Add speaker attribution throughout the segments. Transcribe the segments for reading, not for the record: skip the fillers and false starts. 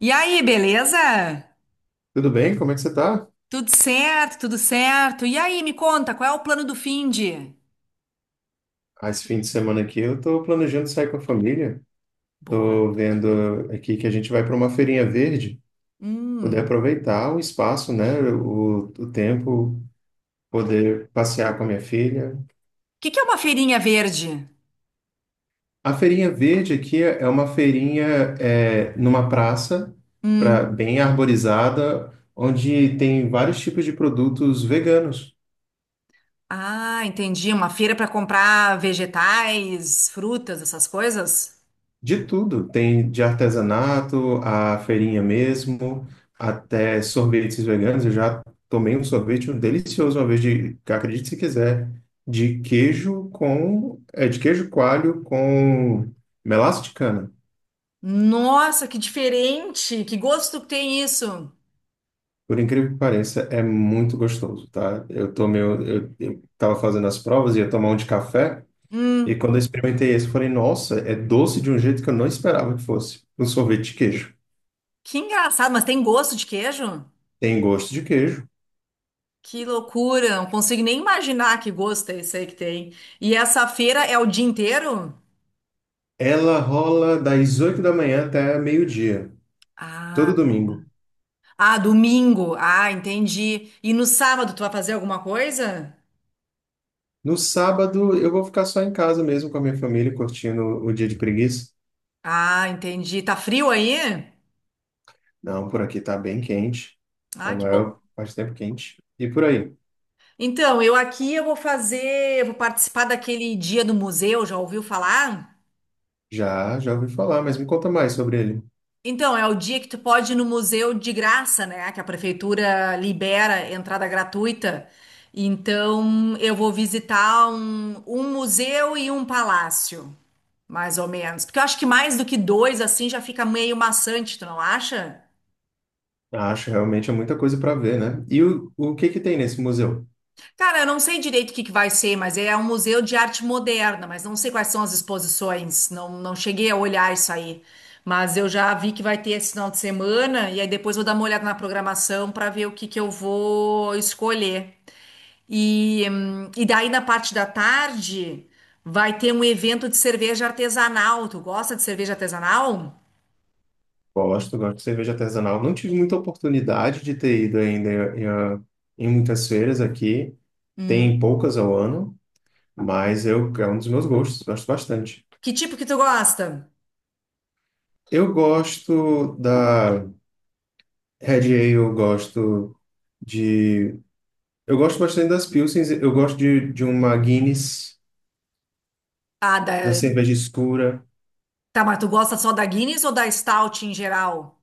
Speaker 1: E aí, beleza?
Speaker 2: Tudo bem? Como é que você tá?
Speaker 1: Tudo certo, tudo certo. E aí, me conta, qual é o plano do finde?
Speaker 2: Ah, esse fim de semana aqui eu tô planejando sair com a família.
Speaker 1: Boa.
Speaker 2: Tô vendo aqui que a gente vai para uma feirinha verde,
Speaker 1: Hum.
Speaker 2: poder
Speaker 1: O
Speaker 2: aproveitar o espaço, né? O tempo, poder passear com a minha filha.
Speaker 1: que que é uma feirinha verde?
Speaker 2: A feirinha verde aqui é uma feirinha numa praça,
Speaker 1: Hum.
Speaker 2: bem arborizada, onde tem vários tipos de produtos veganos.
Speaker 1: Ah, entendi. Uma feira para comprar vegetais, frutas, essas coisas?
Speaker 2: De tudo, tem de artesanato, a feirinha mesmo, até sorvetes veganos. Eu já tomei um sorvete um delicioso uma vez de, acredite se quiser, de queijo com, é de queijo coalho com melaço de cana.
Speaker 1: Nossa, que diferente! Que gosto que tem isso!
Speaker 2: Por incrível que pareça, é muito gostoso, tá? Eu tomei, eu tava fazendo as provas, ia tomar um de café, e
Speaker 1: Hum.
Speaker 2: quando eu experimentei esse, eu falei, nossa, é doce de um jeito que eu não esperava que fosse. Um sorvete de queijo.
Speaker 1: Que engraçado, mas tem gosto de queijo?
Speaker 2: Tem gosto de queijo.
Speaker 1: Que loucura! Não consigo nem imaginar que gosto é esse aí que tem. E essa feira é o dia inteiro?
Speaker 2: Ela rola das 8 da manhã até meio-dia, todo
Speaker 1: Ah.
Speaker 2: domingo.
Speaker 1: Ah, domingo. Ah, entendi. E no sábado tu vai fazer alguma coisa?
Speaker 2: No sábado, eu vou ficar só em casa mesmo com a minha família, curtindo o dia de preguiça.
Speaker 1: Ah, entendi. Tá frio aí?
Speaker 2: Não, por aqui tá bem quente. É a
Speaker 1: Ah, que bom.
Speaker 2: maior parte do tempo quente. E por aí?
Speaker 1: Então, eu aqui eu vou participar daquele dia do museu, já ouviu falar?
Speaker 2: Já, já ouvi falar, mas me conta mais sobre ele.
Speaker 1: Então, é o dia que tu pode ir no museu de graça, né? Que a prefeitura libera entrada gratuita. Então, eu vou visitar um museu e um palácio, mais ou menos. Porque eu acho que mais do que dois, assim, já fica meio maçante, tu não acha?
Speaker 2: Acho realmente é muita coisa para ver, né? E o que que tem nesse museu?
Speaker 1: Cara, eu não sei direito o que que vai ser, mas é um museu de arte moderna, mas não sei quais são as exposições, não, não cheguei a olhar isso aí. Mas eu já vi que vai ter esse final de semana, e aí depois vou dar uma olhada na programação para ver o que que eu vou escolher. E daí na parte da tarde vai ter um evento de cerveja artesanal. Tu gosta de cerveja artesanal?
Speaker 2: Gosto, gosto de cerveja artesanal. Não tive muita oportunidade de ter ido ainda em muitas feiras aqui.
Speaker 1: Hum.
Speaker 2: Tem poucas ao ano. Mas eu, é um dos meus gostos, gosto bastante.
Speaker 1: Que tipo que tu gosta?
Speaker 2: Eu gosto da Red Ale, eu gosto de. Eu gosto bastante das Pilsens, eu gosto de uma Guinness,
Speaker 1: Ah,
Speaker 2: da
Speaker 1: da...
Speaker 2: cerveja escura.
Speaker 1: Tá, mas tu gosta só da Guinness ou da Stout em geral?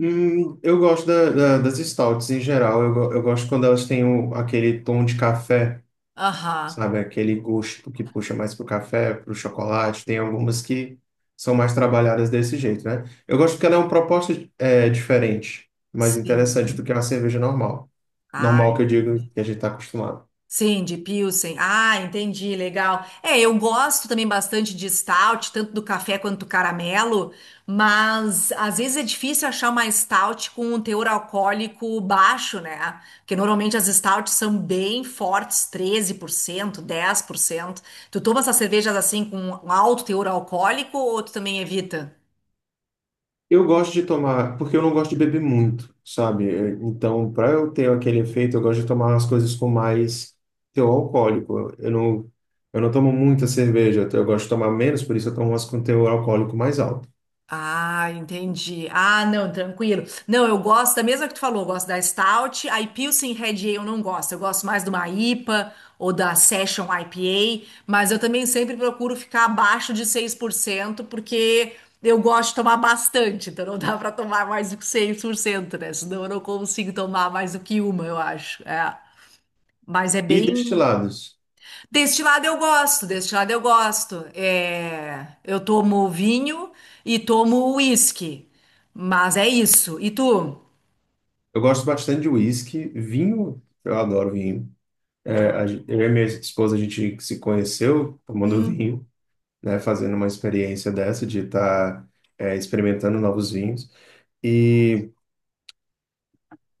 Speaker 2: Eu gosto das stouts em geral, eu, eu gosto quando elas têm aquele tom de café.
Speaker 1: Aham.
Speaker 2: Sabe? Aquele gosto que puxa mais pro café, pro chocolate. Tem algumas que são mais trabalhadas desse jeito, né? Eu gosto porque ela é uma proposta é, diferente, mais
Speaker 1: Sim.
Speaker 2: interessante do que uma cerveja normal. Normal
Speaker 1: Ai,
Speaker 2: que eu digo que a gente está acostumado.
Speaker 1: sim, de Pilsen. Ah, entendi, legal. É, eu gosto também bastante de stout, tanto do café quanto do caramelo, mas às vezes é difícil achar uma stout com um teor alcoólico baixo, né? Porque normalmente as stouts são bem fortes, 13%, 10%. Tu toma essas cervejas assim com um alto teor alcoólico ou tu também evita?
Speaker 2: Eu gosto de tomar, porque eu não gosto de beber muito, sabe? Então, para eu ter aquele efeito, eu gosto de tomar as coisas com mais teor alcoólico. Eu não tomo muita cerveja, eu gosto de tomar menos, por isso eu tomo umas com teor alcoólico mais alto.
Speaker 1: Ah, entendi. Ah, não, tranquilo. Não, eu gosto da mesma que tu falou, eu gosto da Stout. A Pilsen Red Ale eu não gosto. Eu gosto mais de uma IPA ou da Session IPA, mas eu também sempre procuro ficar abaixo de 6%, porque eu gosto de tomar bastante, então não dá pra tomar mais do que 6%, né? Senão eu não consigo tomar mais do que uma, eu acho. É. Mas é
Speaker 2: E
Speaker 1: bem.
Speaker 2: destilados?
Speaker 1: Deste lado eu gosto, deste lado eu gosto. É, eu tomo vinho e tomo uísque. Mas é isso. E tu?
Speaker 2: Eu gosto bastante de uísque, vinho, eu adoro vinho. É,
Speaker 1: Boa.
Speaker 2: eu e minha esposa, a gente se conheceu tomando
Speaker 1: Hum,
Speaker 2: vinho, né, fazendo uma experiência dessa de estar experimentando novos vinhos. E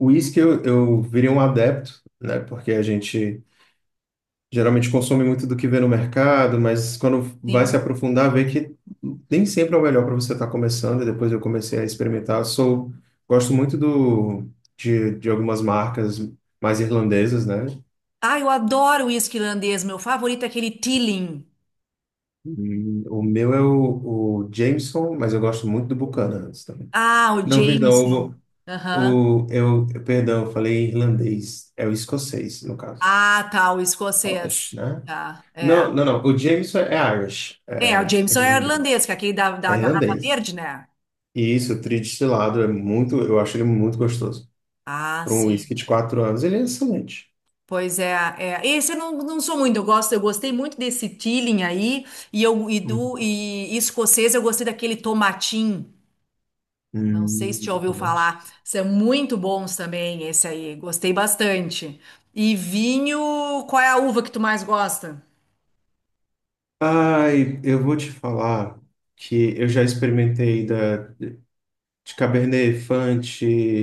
Speaker 2: uísque eu virei um adepto, né, porque a gente geralmente consome muito do que vê no mercado, mas quando vai se
Speaker 1: sim.
Speaker 2: aprofundar, vê que nem sempre é o melhor para você estar começando. E depois eu comecei a experimentar. Sou, gosto muito de algumas marcas mais irlandesas, né?
Speaker 1: Ah, eu adoro uísque irlandês. Meu favorito é aquele Teeling.
Speaker 2: O meu é o Jameson, mas eu gosto muito do Buchanan's também.
Speaker 1: Ah, o
Speaker 2: Não, pois não,
Speaker 1: Jameson. Aham.
Speaker 2: perdão, eu falei irlandês, é o escocês, no caso.
Speaker 1: Ah, tá, o
Speaker 2: Scottish,
Speaker 1: escocês.
Speaker 2: né?
Speaker 1: Tá, é.
Speaker 2: Não, não, não, o Jameson é Irish,
Speaker 1: É, o
Speaker 2: é
Speaker 1: Jameson é
Speaker 2: irlandês.
Speaker 1: irlandês, que é aquele da
Speaker 2: É
Speaker 1: garrafa
Speaker 2: irlandês.
Speaker 1: verde, né?
Speaker 2: E isso, o tridestilado, é muito, eu acho ele muito gostoso.
Speaker 1: Ah,
Speaker 2: Para um
Speaker 1: sim.
Speaker 2: whisky de 4 anos, ele é excelente.
Speaker 1: Pois é, é. Esse eu não, não sou muito, eu gosto, eu gostei muito desse Teeling aí, e eu e do
Speaker 2: Hum,
Speaker 1: e escocês eu gostei daquele tomatim. Não sei se te ouviu
Speaker 2: Tomate.
Speaker 1: falar, são muito bons também esse aí, gostei bastante. E vinho, qual é a uva que tu mais gosta?
Speaker 2: Ai, eu vou te falar que eu já experimentei da de Cabernet Franc,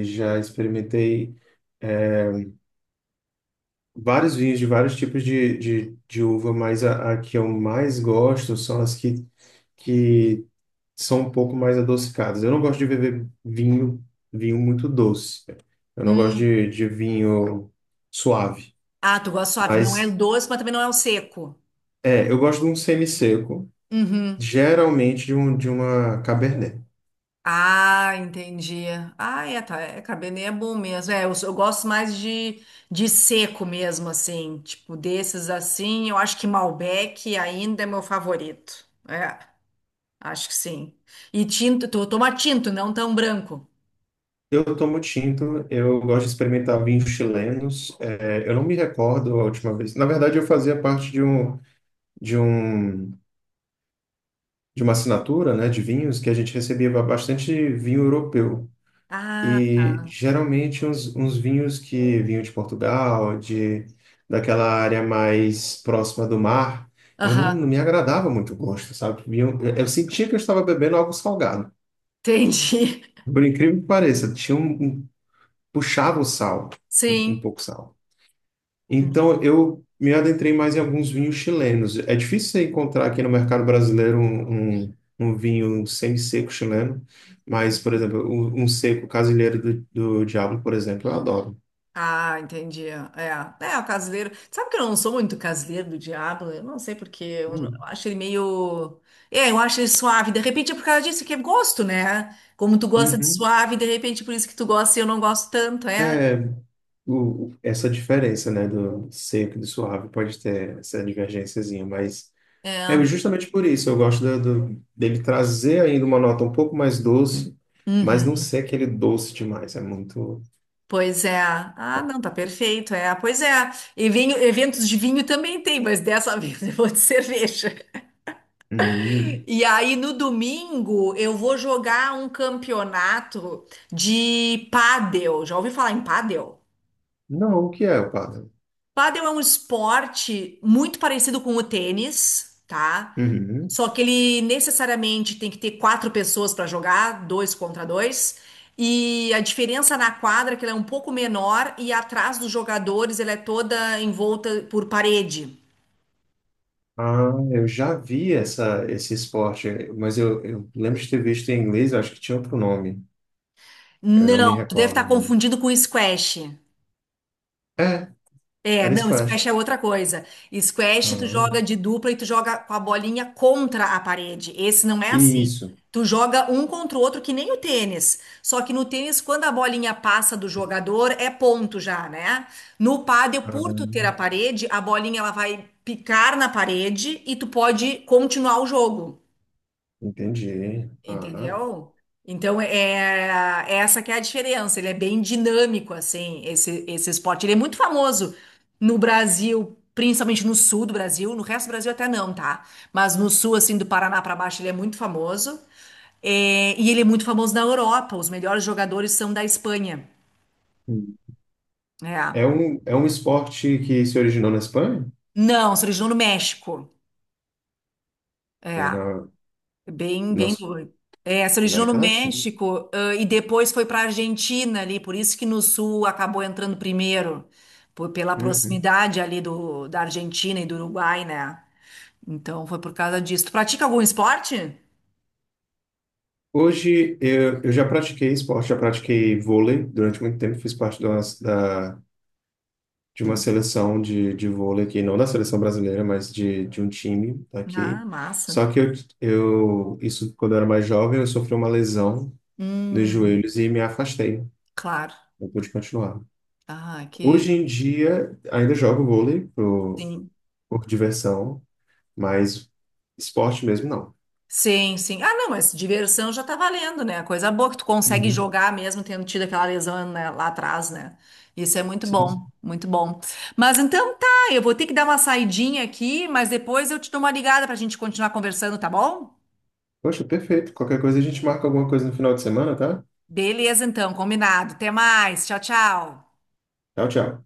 Speaker 2: já experimentei vários vinhos de vários tipos de uva, mas a que eu mais gosto são as que são um pouco mais adocicadas. Eu não gosto de beber vinho, vinho muito doce. Eu não gosto
Speaker 1: Hum.
Speaker 2: de vinho suave.
Speaker 1: Ah, tu gosta suave, não é
Speaker 2: Mas
Speaker 1: doce, mas também não é o seco.
Speaker 2: eu gosto de um semi-seco,
Speaker 1: Uhum.
Speaker 2: geralmente de uma Cabernet.
Speaker 1: Ah, entendi. Ah, é, tá. É, cabernet é bom mesmo. É, eu gosto mais de seco mesmo, assim. Tipo, desses assim, eu acho que Malbec ainda é meu favorito. É, acho que sim. E tinto, tu toma tinto, não tão branco.
Speaker 2: Eu tomo tinto, eu gosto de experimentar vinhos chilenos. É, eu não me recordo a última vez. Na verdade, eu fazia parte de um, de uma assinatura, né, de vinhos que a gente recebia bastante vinho europeu.
Speaker 1: Ah,
Speaker 2: E geralmente uns vinhos que vinham de Portugal, de daquela área mais próxima do mar, eu não
Speaker 1: aham,
Speaker 2: me agradava muito o gosto, sabe? Eu sentia que eu estava bebendo algo salgado.
Speaker 1: entendi.
Speaker 2: Por incrível que pareça, tinha um, puxava o sal, um
Speaker 1: Sim.
Speaker 2: pouco sal. Então, eu me adentrei mais em alguns vinhos chilenos. É difícil você encontrar aqui no mercado brasileiro um vinho semi-seco chileno, mas, por exemplo, um seco casilheiro do Diablo, por exemplo, eu adoro.
Speaker 1: Ah, entendi. É, é o caseiro. Sabe que eu não sou muito caseiro do diabo? Eu não sei porque eu, não- eu
Speaker 2: Hum.
Speaker 1: acho ele meio. É, eu acho ele suave. De repente é por causa disso que é gosto, né? Como tu gosta de
Speaker 2: Uhum.
Speaker 1: suave, de repente por isso que tu gosta e eu não gosto tanto, é?
Speaker 2: É, essa diferença, né, do seco e do suave pode ter essa divergênciazinha, mas é
Speaker 1: É.
Speaker 2: justamente por isso eu gosto dele trazer ainda uma nota um pouco mais doce, mas não
Speaker 1: Uhum.
Speaker 2: ser aquele doce demais, é muito.
Speaker 1: Pois é. Ah, não, tá perfeito, é. Pois é. E vinho, eventos de vinho também tem, mas dessa vez eu vou de cerveja.
Speaker 2: Hum.
Speaker 1: E aí no domingo eu vou jogar um campeonato de pádel. Já ouvi falar em pádel?
Speaker 2: Não, o que é o pádel?
Speaker 1: Pádel é um esporte muito parecido com o tênis, tá?
Speaker 2: Uhum.
Speaker 1: Só que ele necessariamente tem que ter quatro pessoas para jogar, dois contra dois. E a diferença na quadra é que ela é um pouco menor e atrás dos jogadores ela é toda envolta por parede.
Speaker 2: Ah, eu já vi essa, esse esporte, mas eu lembro de ter visto em inglês, eu acho que tinha outro nome. Eu não me
Speaker 1: Não, tu deve estar
Speaker 2: recordo.
Speaker 1: confundido com squash.
Speaker 2: É,
Speaker 1: É,
Speaker 2: era
Speaker 1: não, squash
Speaker 2: squash.
Speaker 1: é outra coisa. Squash tu joga
Speaker 2: Ah,
Speaker 1: de dupla e tu joga com a bolinha contra a parede. Esse não é assim.
Speaker 2: isso.
Speaker 1: Tu joga um contra o outro que nem o tênis. Só que no tênis, quando a bolinha passa do jogador, é ponto já, né? No pádel, por tu ter a
Speaker 2: Ah,
Speaker 1: parede, a bolinha ela vai picar na parede e tu pode continuar o jogo.
Speaker 2: entendi. Ah.
Speaker 1: Entendeu? Então, é essa que é a diferença. Ele é bem dinâmico, assim, esse esporte. Ele é muito famoso no Brasil, principalmente no sul do Brasil. No resto do Brasil até não, tá? Mas no sul, assim, do Paraná pra baixo, ele é muito famoso. É, e ele é muito famoso na Europa. Os melhores jogadores são da Espanha.
Speaker 2: Hum.
Speaker 1: É.
Speaker 2: É um esporte que se originou na Espanha?
Speaker 1: Não, se originou no México.
Speaker 2: É
Speaker 1: É.
Speaker 2: na
Speaker 1: Bem, bem
Speaker 2: nossa
Speaker 1: doido. É, se originou no
Speaker 2: América Latina.
Speaker 1: México, e depois foi para a Argentina ali, por isso que no sul acabou entrando primeiro, pela
Speaker 2: Uhum.
Speaker 1: proximidade ali da Argentina e do Uruguai, né? Então foi por causa disso. Tu pratica algum esporte?
Speaker 2: Hoje eu já pratiquei esporte, já pratiquei vôlei durante muito tempo, fiz parte da, de uma seleção de vôlei aqui, não da seleção brasileira, mas de um time
Speaker 1: Ah,
Speaker 2: aqui.
Speaker 1: massa.
Speaker 2: Só que isso quando eu era mais jovem, eu sofri uma lesão dos
Speaker 1: Hum,
Speaker 2: joelhos e me afastei.
Speaker 1: claro.
Speaker 2: Não pude continuar.
Speaker 1: Ah, que
Speaker 2: Hoje em dia, ainda jogo vôlei por,
Speaker 1: sim.
Speaker 2: por diversão, mas esporte mesmo não.
Speaker 1: Sim, sim. Ah, não, mas diversão já tá valendo, né? Coisa boa é que tu consegue
Speaker 2: Uhum.
Speaker 1: jogar mesmo tendo tido aquela lesão, né, lá atrás, né? Isso é muito
Speaker 2: Sim, sim.
Speaker 1: bom, muito bom. Mas então tá, eu vou ter que dar uma saidinha aqui, mas depois eu te dou uma ligada pra gente continuar conversando, tá bom?
Speaker 2: Poxa, perfeito. Qualquer coisa a gente marca alguma coisa no final de semana, tá?
Speaker 1: Beleza, então, combinado. Até mais. Tchau, tchau.
Speaker 2: Tchau, tchau.